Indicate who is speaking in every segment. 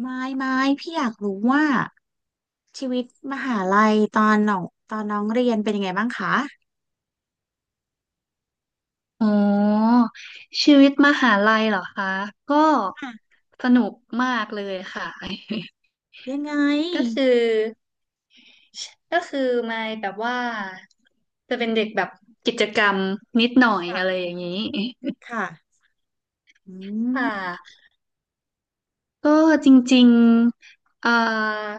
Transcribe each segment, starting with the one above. Speaker 1: ไม่ไม่พี่อยากรู้ว่าชีวิตมหาลัยตอนน้องตอนน้องเรียนเป็นยังไงบ้างคะ
Speaker 2: อ๋อชีวิตมหาลัยเหรอคะก็
Speaker 1: ค่ะ
Speaker 2: สนุกมากเลยค่ะ
Speaker 1: ยังไง
Speaker 2: ก็คือก็คือมายแบบว่าจะเป็นเด็กแบบกิจกรรมนิดหน่อยอะไร
Speaker 1: ค่ะ
Speaker 2: อย่างนี้
Speaker 1: ค่ะอืม
Speaker 2: ค่ะก็จริงๆ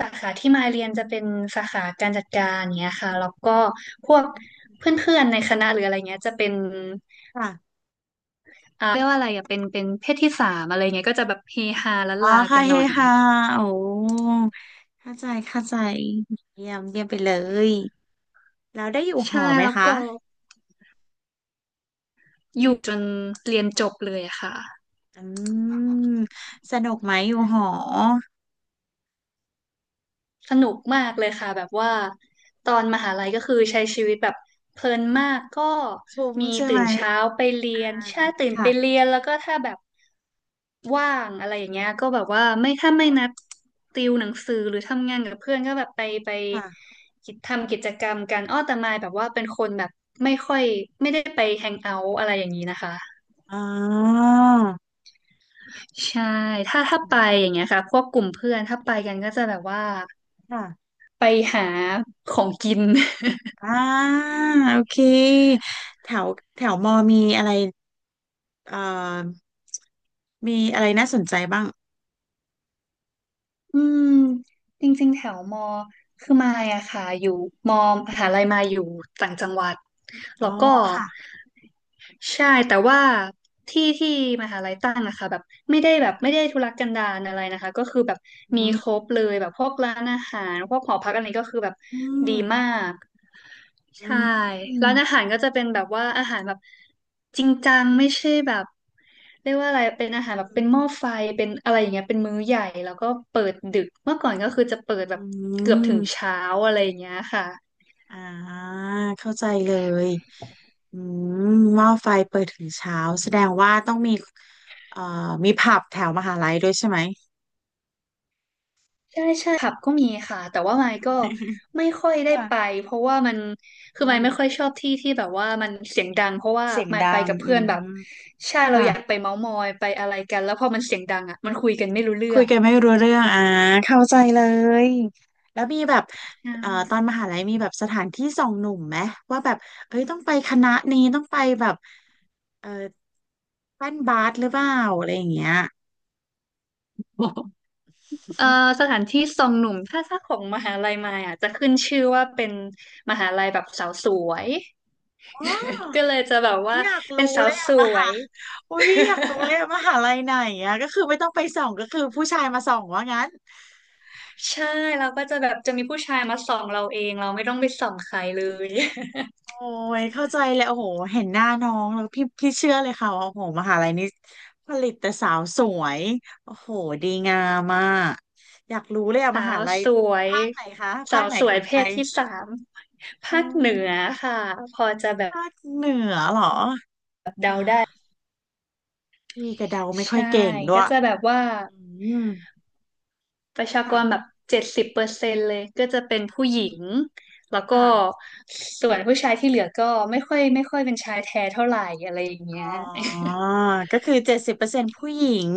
Speaker 2: สาขาที่มายเรียนจะเป็นสาขาการจัดการเนี้ยค่ะแล้วก็พวกเพื่อนๆในคณะหรืออะไรเงี้ยจะเป็น
Speaker 1: ค่ะ
Speaker 2: อ่าเรียกว่าอะไรอ่ะเป็นเพศที่สามอะไรเงี้ยก็จะแบบเฮฮาละ
Speaker 1: อ๋อ
Speaker 2: ลากั
Speaker 1: ค่ะ
Speaker 2: นห
Speaker 1: เฮ
Speaker 2: น่อย
Speaker 1: ฮาโอ้เข้าใจเข้าใจเยี่ยมเยี่ยมไปเลยแล้วได้อยู่ห
Speaker 2: ใช่
Speaker 1: อไหม
Speaker 2: แล้ว
Speaker 1: คะ
Speaker 2: ก็อยู่จนเรียนจบเลยอะค่ะ
Speaker 1: อืมสนุกไหมอยู่หอ
Speaker 2: สนุกมากเลยค่ะแบบว่าตอนมหาลัยก็คือใช้ชีวิตแบบเพลินมากก็
Speaker 1: คุ้ม
Speaker 2: มี
Speaker 1: ใช่
Speaker 2: ตื่
Speaker 1: ไหม
Speaker 2: นเช้าไปเรี
Speaker 1: อ่า
Speaker 2: ยนใช่ตื่น
Speaker 1: ค่ะ
Speaker 2: ไปเรียนแล้วก็ถ้าแบบว่างอะไรอย่างเงี้ยก็แบบว่าไม่ถ้าไม่นัดติวหนังสือหรือทำงานกับเพื่อนก็แบบไป
Speaker 1: ค่ะ
Speaker 2: ทำกิจกรรมกันอ้อแต่มายแบบว่าเป็นคนแบบไม่ค่อยไม่ได้ไปแฮงเอาท์อะไรอย่างนี้นะคะ
Speaker 1: อ๋อ
Speaker 2: ใช่ถ้าไปอย่างเงี้ยค่ะพวกกลุ่มเพื่อนถ้าไปกันก็จะแบบว่า
Speaker 1: ค่ะ
Speaker 2: ไปหาของกิน
Speaker 1: อ่าโอเคแถวแถวมอมีอะไรเอ่อมีอะไรน่าสนใจบ้าง
Speaker 2: อืมจริงๆแถวมอคือมายอะค่ะอยู่มอมหาลัยมายอยู่ต่างจังหวัด
Speaker 1: อ๋
Speaker 2: แล้ว
Speaker 1: อ
Speaker 2: ก็
Speaker 1: ค่ะ
Speaker 2: ใช่แต่ว่าที่ที่มหาลัยตั้งนะคะแบบไม่ได้ทุรกันดารอะไรนะคะก็คือแบบ
Speaker 1: อื
Speaker 2: มี
Speaker 1: ม
Speaker 2: ครบเลยแบบพวกร้านอาหารพวกหอพักอะไรก็คือแบบ
Speaker 1: อื
Speaker 2: ดีมา
Speaker 1: ม
Speaker 2: ก
Speaker 1: อื
Speaker 2: ใช่
Speaker 1: ม
Speaker 2: ร้านอาหารก็จะเป็นแบบว่าอาหารแบบจริงจังไม่ใช่แบบเรียกว่าอะไรเป็นอาหารแบบเป็นหม้อไฟเป็นอะไรอย่างเงี้ยเป็นมื้อใหญ่แล้วก็เปิดดึกเมื่อก่อนก็คือจะเปิดแบ
Speaker 1: อื
Speaker 2: บเกือบถึง
Speaker 1: ม
Speaker 2: เช้าอะไรอย่างเงี้ยค่ะ
Speaker 1: อ่าเข้าใจเลยอืมหม้อไฟเปิดถึงเช้าแสดงว่าต้องมีเอ่อมีผับแถวมหาลัยด้วยใช่ไหม
Speaker 2: ใช่ใช่ผับก็มีค่ะแต่ว่าไมค์ก็ ไม่ค่อยได้ไป
Speaker 1: ค่ะ
Speaker 2: เพราะว่ามัน
Speaker 1: อื
Speaker 2: คือไม
Speaker 1: ม
Speaker 2: ค์ไม่ค่อยชอบที่ที่แบบว่ามันเสียงดังเพราะว่า
Speaker 1: เสียง
Speaker 2: ไมค์
Speaker 1: ดั
Speaker 2: ไป
Speaker 1: ง
Speaker 2: กับ
Speaker 1: อื
Speaker 2: เพื่อนแบบ
Speaker 1: ม
Speaker 2: ใช่เราอยาก
Speaker 1: ค่ะ
Speaker 2: ไปเม้าท์มอยไปอะไรกันแล้วพอมันเสียงดังอ่ะมันคุยกันไม่รู้เรื่
Speaker 1: คุ
Speaker 2: อ
Speaker 1: ย
Speaker 2: ง
Speaker 1: กันไม่รู้เรื่องอ่าเข้าใจเลยแล้วมีแบบ
Speaker 2: ใช
Speaker 1: ตอ
Speaker 2: ่
Speaker 1: นมหาลัยมีแบบสถานที่ส่องหนุ่มไหมว่าแบบเอ้ยต้องไปคณะนี้ต้องไปแบบเออแป้นบาสหรือเปล่าอะไรอย่างเงี้ย
Speaker 2: เอ่อสถานที่ทรงหนุ่มถ้าของมหาลัยมายอ่ะจะขึ้นชื่อว่าเป็นมหาลัยแบบสาวสวย
Speaker 1: อ๋อ
Speaker 2: ก็เลยจะแบบ
Speaker 1: อุ๊ย
Speaker 2: ว่า
Speaker 1: อยาก
Speaker 2: เป็น
Speaker 1: รู้
Speaker 2: สา
Speaker 1: เล
Speaker 2: ว
Speaker 1: ย
Speaker 2: ส
Speaker 1: อะม
Speaker 2: ว
Speaker 1: หา
Speaker 2: ย
Speaker 1: อุ้ยอยากรู้เลยอะม หาลัยไหนอะก็คือไม่ต้องไปส่องก็คือผู้ชายมาส่องว่างั้น
Speaker 2: ใช่เราก็จะแบบจะมีผู้ชายมาส่องเราเอง เราไม่ต้องไปส่องใครเลย
Speaker 1: โอ้ยเข้าใจเลยโอ้โหเห็นหน้าน้องแล้วพี่พี่เชื่อเลยค่ะว่าโอ้โหมหาลัยนี้ผลิตแต่สาวสวยโอ้โหดีงามมากอยากรู้เลยอะ ม
Speaker 2: สา
Speaker 1: หา
Speaker 2: ว
Speaker 1: ลัย
Speaker 2: สวย
Speaker 1: ภาคไหนคะภา
Speaker 2: สา
Speaker 1: ค
Speaker 2: ว
Speaker 1: ไหน
Speaker 2: ส
Speaker 1: ข
Speaker 2: ว
Speaker 1: อ
Speaker 2: ย
Speaker 1: ง
Speaker 2: เพ
Speaker 1: ไท
Speaker 2: ศ
Speaker 1: ย
Speaker 2: ที่สาม
Speaker 1: เอ
Speaker 2: ภาคเห
Speaker 1: อ
Speaker 2: นือค่ะพอจะแบบ
Speaker 1: ภาคเหนือเหรออ่าพี่กระเดาไม่ค่อย
Speaker 2: ใช่
Speaker 1: เก่งด้ว
Speaker 2: ก็
Speaker 1: ย
Speaker 2: จะแบบว่า
Speaker 1: อืม
Speaker 2: ประชาก
Speaker 1: ค่ะ
Speaker 2: รแบบ70%เลยก็จะเป็นผู้หญิงแล้วก็
Speaker 1: ค่ะ
Speaker 2: ส่วนผู้ชายที่เหลือก็ไม่ค่อยเป็นชายแท้เท่าไหร่อะไรอย่าง
Speaker 1: อ๋
Speaker 2: เงี้ย
Speaker 1: อก็คือ70%ผู้หญิง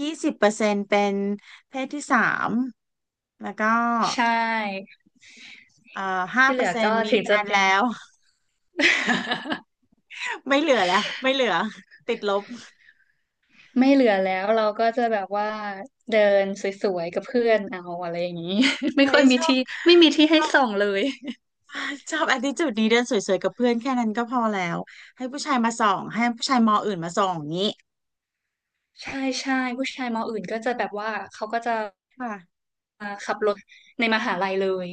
Speaker 1: 20%เป็นเพศที่สามแล้วก็
Speaker 2: ใช่
Speaker 1: เอ่อห้า
Speaker 2: ที่
Speaker 1: เป
Speaker 2: เห
Speaker 1: อ
Speaker 2: ลื
Speaker 1: ร์
Speaker 2: อ
Speaker 1: เซ็น
Speaker 2: ก็
Speaker 1: ต์มี
Speaker 2: ถึง
Speaker 1: แฟ
Speaker 2: จะ
Speaker 1: น
Speaker 2: เป็น
Speaker 1: แล้ว ไม่เหลือแล้วไม่เหลือติดลบ
Speaker 2: ไม่เหลือแล้วเราก็จะแบบว่าเดินสวยๆกับเพื่อนเอาอะไรอย่างนี้ ไม่
Speaker 1: โอ้
Speaker 2: ค่
Speaker 1: ย
Speaker 2: อยมี
Speaker 1: ชอบ
Speaker 2: ที่ไม่มีที่
Speaker 1: ช
Speaker 2: ให้
Speaker 1: อบ
Speaker 2: ส่องเลย
Speaker 1: ชอบattitudeนี้เดินสวยๆกับเพื่อนแค่นั้นก็พอแล้วให้ผู้ชายมาส่องให้ผู้ชายมออื่นมาส่องอย่างนี้
Speaker 2: ใช่ใช่ผู้ชายมออื่นก็จะแบบว่าเขาก็จะ
Speaker 1: ค่ะ
Speaker 2: ขับรถในมหาลัยเลย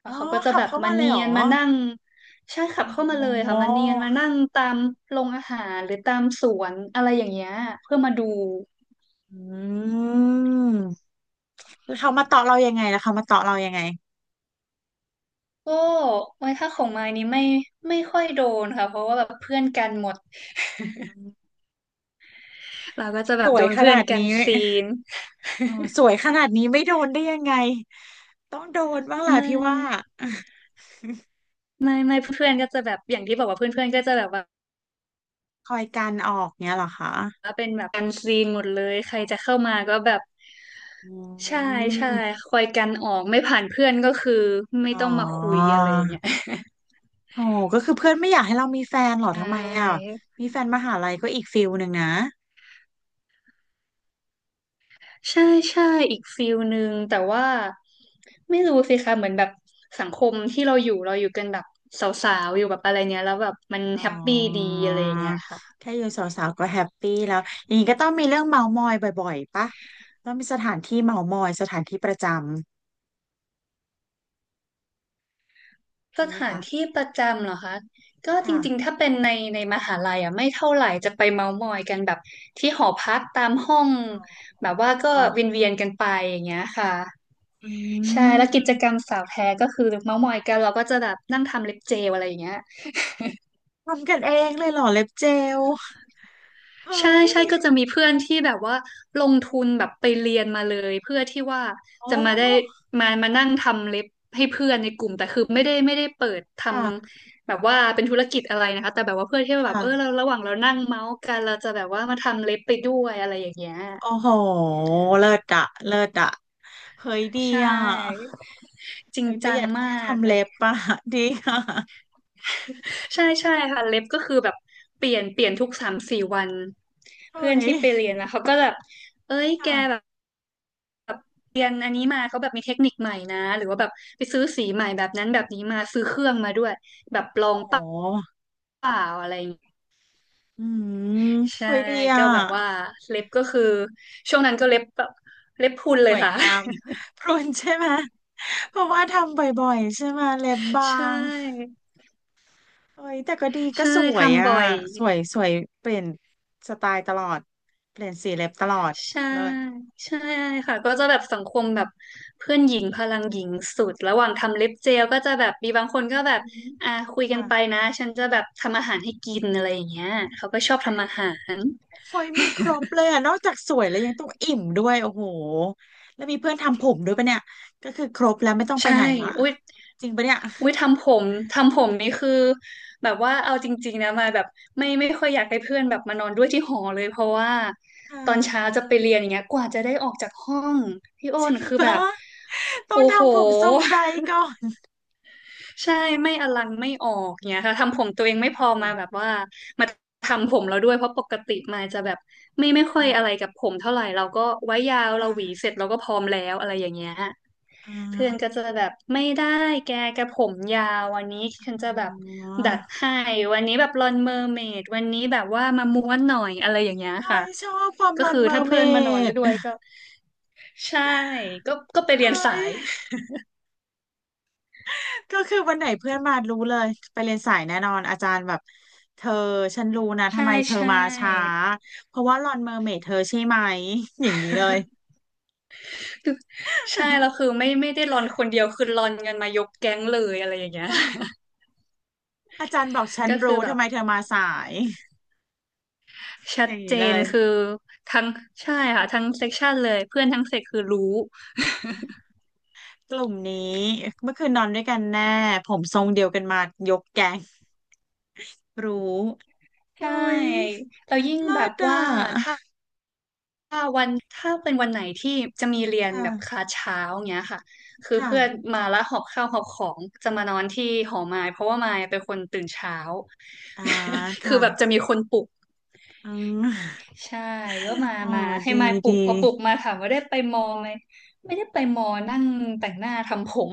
Speaker 2: แล้
Speaker 1: อ๋อ
Speaker 2: วเขาก็จะ
Speaker 1: ขับ
Speaker 2: แบบ
Speaker 1: เข้า
Speaker 2: มา
Speaker 1: มาเลย
Speaker 2: เนี
Speaker 1: เหรอ
Speaker 2: ยนมานั่งใช่ขับเข้า
Speaker 1: อ
Speaker 2: มาเลยค่ะ
Speaker 1: ๋
Speaker 2: มาเนียนมา
Speaker 1: อ
Speaker 2: นั่งตามโรงอาหารหรือตามสวนอะไรอย่างเงี้ยเพื่อมาดู
Speaker 1: อืมแล้วเขามาเตาะเรายังไงแล้วเขามาเตาะเรายังไง
Speaker 2: ก็ไว้ถ้าของมายนี้ไม่ค่อยโดนค่ะเพราะว่าแบบเพื่อนกันหมด
Speaker 1: อืม
Speaker 2: เราก็จะแบ
Speaker 1: ส
Speaker 2: บ
Speaker 1: ว
Speaker 2: โด
Speaker 1: ย
Speaker 2: น
Speaker 1: ข
Speaker 2: เพื่อ
Speaker 1: นา
Speaker 2: น
Speaker 1: ด
Speaker 2: กั
Speaker 1: นี้
Speaker 2: นซีน
Speaker 1: อ๋อสวยขนาดนี้ไม่โดนได้ยังไงต้องโดนบ้างแหละ
Speaker 2: ไม่
Speaker 1: พี่ว่า
Speaker 2: ไม่เพื่อนๆก็จะแบบอย่างที่บอกว่าเพื่อนๆก็จะแบบว่า
Speaker 1: คอยกันออกเนี้ยเหรอคะ
Speaker 2: เป็นแบบกันซีนหมดเลยใครจะเข้ามาก็แบบ
Speaker 1: อื
Speaker 2: ใช่ใช่
Speaker 1: ม
Speaker 2: คอยกันออกไม่ผ่านเพื่อนก็คือไม่
Speaker 1: อ๋อ
Speaker 2: ต้องมาคุยอะไรอย่างเงี้ย
Speaker 1: โอ้ก็คือเพื่อนไม่อยากให้เรามีแฟนเหรอ
Speaker 2: ใช
Speaker 1: ทำไมอ่ะ
Speaker 2: ่
Speaker 1: มีแฟนมหาลัยก็อีกฟิลหนึ่งนะ
Speaker 2: ใช่ใช่อีกฟิลหนึ่งแต่ว่าไม่รู้สิคะเหมือนแบบสังคมที่เราอยู่เราอยู่กันแบบสาวๆอยู่แบบอะไรเนี้ยแล้วแบบมัน
Speaker 1: อ๋
Speaker 2: แฮปปี้ดี
Speaker 1: อ
Speaker 2: อะไรอย่างเงี้ยค่ะ
Speaker 1: แค่อยู่สาวๆก็แฮปปี้แล้วอย่างนี้ก็ต้องมีเรื่องเมามอยบ่อยๆปะต้องมีสถานที่เมามอยสถานที่ประจำ
Speaker 2: ส
Speaker 1: นี่ไหม
Speaker 2: ถาน
Speaker 1: คะ
Speaker 2: ที่ประจำเหรอคะก็จ
Speaker 1: ค่ะ
Speaker 2: ริงๆถ้าเป็นในมหาลัยอ่ะไม่เท่าไหร่จะไปเมาท์มอยกันแบบที่หอพักตามห้อง
Speaker 1: อ
Speaker 2: แบบว่าก็
Speaker 1: ๋อ
Speaker 2: เวียนๆกันไปอย่างเงี้ยค่ะ
Speaker 1: อื
Speaker 2: ใช่แล้วกิจ
Speaker 1: ม
Speaker 2: กรรมสาวแท้ก็คือเมาท์มอยกันเราก็จะแบบนั่งทำเล็บเจลอะไรอย่างเงี้ย
Speaker 1: ทำกันเองเลยเหรอเล็บเจลเฮ้
Speaker 2: ใช่ใช่
Speaker 1: ย
Speaker 2: ก็จะมีเพื่อนที่แบบว่าลงทุนแบบไปเรียนมาเลยเพื่อที่ว่า
Speaker 1: โอ้
Speaker 2: จะมาได้มานั่งทำเล็บให้เพื่อนในกลุ่มแต่คือไม่ได้เปิดท
Speaker 1: ค่ะ
Speaker 2: ำแบบว่าเป็นธุรกิจอะไรนะคะแต่แบบว่าเพื่อที่ว่าแบบเออเรา
Speaker 1: ค่ะ
Speaker 2: ระหว่างเรานั่งเมาส์กันเราจะแบบว่ามาทำเล็บไปด้วยอะไรอย่างเงี้ย
Speaker 1: โอ้โหเลิศอะเลิศอะเฮ้ยดี
Speaker 2: ใช
Speaker 1: อะ
Speaker 2: ่จริง
Speaker 1: เฮ้ยประ
Speaker 2: จั
Speaker 1: ห
Speaker 2: ง
Speaker 1: ยัด
Speaker 2: มา
Speaker 1: ค่า
Speaker 2: ก
Speaker 1: ทำ
Speaker 2: อะ
Speaker 1: เล็
Speaker 2: ไร
Speaker 1: บปะดีค่ะ
Speaker 2: ใช่ใช่ค่ะเล็บก็คือแบบเปลี่ยนทุก3-4 วัน
Speaker 1: เฮ้
Speaker 2: เพื่อน
Speaker 1: ย
Speaker 2: ที่ไปเรียนนะเขาก็แบบเอ้ยแกแบบ
Speaker 1: ค่ะ
Speaker 2: เรียนอันนี้มาเขาแบบมีเทคนิคใหม่นะหรือว่าแบบไปซื้อสีใหม่แบบนั้นแบบนี้มาซื้อเครื่องมาด้วยแบบล
Speaker 1: โอ้
Speaker 2: อง
Speaker 1: โห
Speaker 2: เปล่าอะไรอย่างเงี้ย
Speaker 1: อืม
Speaker 2: ใช่
Speaker 1: เฮ้ยดีอ่ะ
Speaker 2: ก็แบบว่าเล็บก็คือช่วงนั้นก็เล็บแบบเล็บพรุนเล
Speaker 1: ส
Speaker 2: ย
Speaker 1: วย
Speaker 2: ค่ะ
Speaker 1: งามพรุนใช่ไหมเพราะว่าทำบ่อยๆใช่ไหมเล็บบา
Speaker 2: ใช
Speaker 1: ง
Speaker 2: ่
Speaker 1: เฮ้ยแต่ก็ดีก็
Speaker 2: ใช่
Speaker 1: สวย
Speaker 2: ทำ
Speaker 1: อ่ะ
Speaker 2: บ่อย
Speaker 1: สวยสวยเปลี่ยนสไตล์ตลอดเปลี่ยนสีเล็บตลอด
Speaker 2: ใช่
Speaker 1: เลิศ
Speaker 2: ใช่ค่ะก็จะแบบสังคมแบบเพื่อนหญิงพลังหญิงสุดระหว่างทำเล็บเจลก็จะแบบมีบางคนก็แบบ
Speaker 1: อืม
Speaker 2: คุยกัน
Speaker 1: ค่ะ
Speaker 2: ไปนะฉันจะแบบทำอาหารให้กินอะไรอย่างเงี้ยเขาก็ชอบทำอาหาร
Speaker 1: เฮ้ยมีครบเลยอะนอกจากสวยแล้วยังต้องอิ่มด้วยโอ้โหแล้วมีเพื่อนทำผมด้วยปะเนี่ยก็คือครบแล้วไม่ต้องไป
Speaker 2: ใช่
Speaker 1: ไหนละ
Speaker 2: อุ้ย
Speaker 1: จริงปะเนี่ย
Speaker 2: อุ้ยทำผมทำผมนี่คือแบบว่าเอาจริงๆนะมาแบบไม่ค่อยอยากให้เพื่อนแบบมานอนด้วยที่หอเลยเพราะว่า
Speaker 1: อ
Speaker 2: ตอนเช้า
Speaker 1: ่า
Speaker 2: จะไปเรียนอย่างเงี้ยกว่าจะได้ออกจากห้องพี่อ้
Speaker 1: จริ
Speaker 2: น
Speaker 1: ง
Speaker 2: คือแบ
Speaker 1: ปะ
Speaker 2: บ
Speaker 1: ต้อ
Speaker 2: โอ้
Speaker 1: ง
Speaker 2: โห
Speaker 1: ทำผมทรงใดก่อน
Speaker 2: ใช่ไม่อลังไม่ออกเนี่ยค่ะทำผมตัวเองไม่
Speaker 1: โอ้
Speaker 2: พ
Speaker 1: โห
Speaker 2: อมาแบบว่ามาทำผมเราด้วยเพราะปกติมาจะแบบไม่ค่อยอะไร
Speaker 1: ค่ะ
Speaker 2: กับผมเท่าไหร่เราก็ไว้ยาวเราหวี
Speaker 1: ค่ะ
Speaker 2: เสร็จเราก็พร้อมแล้วอะไรอย่างเงี้ยฮะ
Speaker 1: อ่
Speaker 2: เพื่อนก็
Speaker 1: า
Speaker 2: จะแบบไม่ได้แกกระผมยาววันนี้ฉัน
Speaker 1: อ
Speaker 2: จะแบบ
Speaker 1: ๋
Speaker 2: ดัด
Speaker 1: อ
Speaker 2: ให้วันนี้แบบลอนเมอร์เมดวันนี้แบบว่ามาม้วนหน่อยอะไรอย่างเงี้ย
Speaker 1: เฮ้
Speaker 2: ค่ะ
Speaker 1: ยชอบความห
Speaker 2: ก็
Speaker 1: ลอน
Speaker 2: คือ
Speaker 1: เมอ
Speaker 2: ถ้า
Speaker 1: ร์เม
Speaker 2: เพื่อนมานอน
Speaker 1: ด
Speaker 2: ก็ด้วยก็ใช่ก็ไปเรี
Speaker 1: เฮ้
Speaker 2: ยนสา
Speaker 1: ย
Speaker 2: ย
Speaker 1: ก็คือวันไหนเพื่อนมารู้เลยไปเรียนสายแน่นอนอาจารย์แบบเธอฉันรู้นะทำ
Speaker 2: ใช่
Speaker 1: ไมเธอ
Speaker 2: ใช่
Speaker 1: มาช้าเพราะว่าหลอนเมอร์เมดเธอใช่ไหมอย่างนี้เลย
Speaker 2: ใช่แล้วคือไม่ได้รอนคนเดียวคือรอนกันมายกแก๊งเลยอะไรอย่างเงี้ย
Speaker 1: อาจารย์บอกฉั น
Speaker 2: ก็คือ
Speaker 1: รู้
Speaker 2: แบ
Speaker 1: ทำ
Speaker 2: บ
Speaker 1: ไมเธอมาสาย
Speaker 2: ชั
Speaker 1: อ
Speaker 2: ด
Speaker 1: ย่าง
Speaker 2: เจ
Speaker 1: นี้เล
Speaker 2: น
Speaker 1: ย
Speaker 2: คือทั้งใช่ค่ะทั้งเซกชันเลยเพื่อนทั้งเซกคือรู้
Speaker 1: กลุ่มนี้เมื่อคืนนอนด้วยกันแน่ผมทรงเดียวกันมายกแก๊งรู้โอ้
Speaker 2: ใช่
Speaker 1: ย
Speaker 2: แล้วยิ่ง
Speaker 1: เลิ
Speaker 2: แบบ
Speaker 1: ศอ่ะ
Speaker 2: ว่าถ้าวันถ้าเป็นวันไหนที่จะมีเรียน
Speaker 1: ค่ะ
Speaker 2: แบบคลาสเช้าเงี้ยค่ะคือ
Speaker 1: ค่ะ
Speaker 2: เพื่อนมาแล้วหอบข้าวหอบของจะมานอนที่หอมายเพราะว่ามายเป็นคนตื่นเช้า
Speaker 1: อ่า
Speaker 2: คื
Speaker 1: ค่ะ
Speaker 2: อแบบจะมีคนปลุก
Speaker 1: อืม
Speaker 2: ใช่ก็มา
Speaker 1: อ๋อ
Speaker 2: มาให้
Speaker 1: ดี
Speaker 2: มายป
Speaker 1: ด
Speaker 2: ลุกพอปลุก
Speaker 1: ี
Speaker 2: มาถามว่าได้ไปมอไหมไม่ได้ไปมอนั่งแต่งหน้าทำผม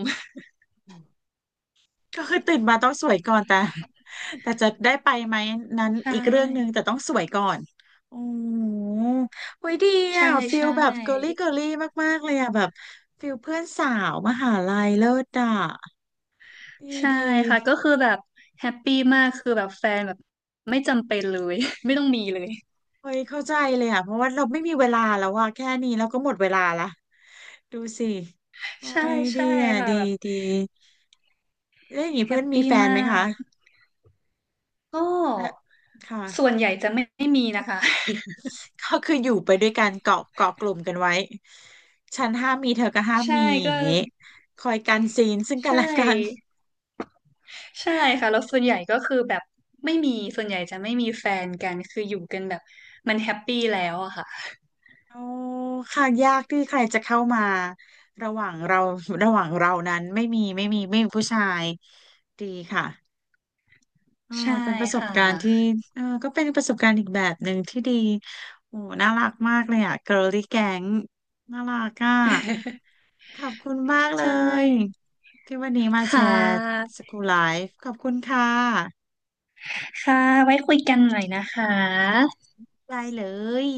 Speaker 1: ก็คือตื่นมาต้องสวยก่อนแต่ แต่จะได้ไปไหมนั้น
Speaker 2: ใช
Speaker 1: อีกเรื่องหนึ่งแต่
Speaker 2: ่
Speaker 1: ต้องสวยก่อนโอ้โหเฮ้ยดี
Speaker 2: ใช่
Speaker 1: อ่ะฟิล
Speaker 2: ใช่
Speaker 1: แบบเกิร์ลลี่เกิร์ลลี่มากๆเลยอ่ะแบบฟิลเพื่อนสาวมหาลัยเลิศอ่ะดี
Speaker 2: ใช่
Speaker 1: ดี
Speaker 2: ค่ะก็คือแบบแฮปปี้มากคือแบบแฟนแบบไม่จำเป็นเลย ไม่ต้องมีเลย
Speaker 1: เฮ้ยเข้าใจเลยอ่ะเพราะว่าเราไม่มีเวลาแล้วอ่ะแค่นี้เราก็หมดเวลาละดูสิโอ้
Speaker 2: ใช่
Speaker 1: ยดี
Speaker 2: ใช่
Speaker 1: อ่ะ
Speaker 2: ค่ะ
Speaker 1: ดี
Speaker 2: แบบ
Speaker 1: ดีแล้วอย่างนี้
Speaker 2: แฮ
Speaker 1: เพื่อ
Speaker 2: ป
Speaker 1: นมี
Speaker 2: ปี้
Speaker 1: แฟนไหม
Speaker 2: มา
Speaker 1: คะ
Speaker 2: กก็
Speaker 1: และค่ะ
Speaker 2: ส่วนใหญ่จะไม่มีนะคะ
Speaker 1: ก็คืออยู่ไปด้วยกันเกาะเกาะกลุ่มกันไว้ฉันห้ามมีเธอก็ห้า ม
Speaker 2: ใช่
Speaker 1: มีอ
Speaker 2: ก็
Speaker 1: ย่างงี้คอยกันซีนซึ่งกัน
Speaker 2: ใช
Speaker 1: และกัน
Speaker 2: ่ ใช่ค่ะ แล้วส่วนใหญ่ก็คือแบบไม่มี ส่วนใหญ่จะไม่มีแฟนกัน คืออยู่กันแบบมันแฮปปี้แล้วอะค่ะ
Speaker 1: โอ้ค่ะยากที่ใครจะเข้ามาระหว่างเราระหว่างเรานั้นไม่มีไม่มีไม่มีผู้ชายดีค่ะเออ
Speaker 2: ใช่
Speaker 1: เป็นประสบ
Speaker 2: ค่ะ
Speaker 1: การณ์ที่เออก็เป็นประสบการณ์อีกแบบหนึ่งที่ดีโอ้น่ารักมากเลยอ่ะ girly gang น่ารักอ่ะ ขอบคุณมาก
Speaker 2: ใช
Speaker 1: เลย
Speaker 2: ่
Speaker 1: ที่วันนี้มาแช
Speaker 2: ค่
Speaker 1: ร์
Speaker 2: ะ
Speaker 1: school ไลฟ์ขอบคุณค่ะ
Speaker 2: ค่ะ ไว้คุยกันหน่อยนะคะ
Speaker 1: ได้เลย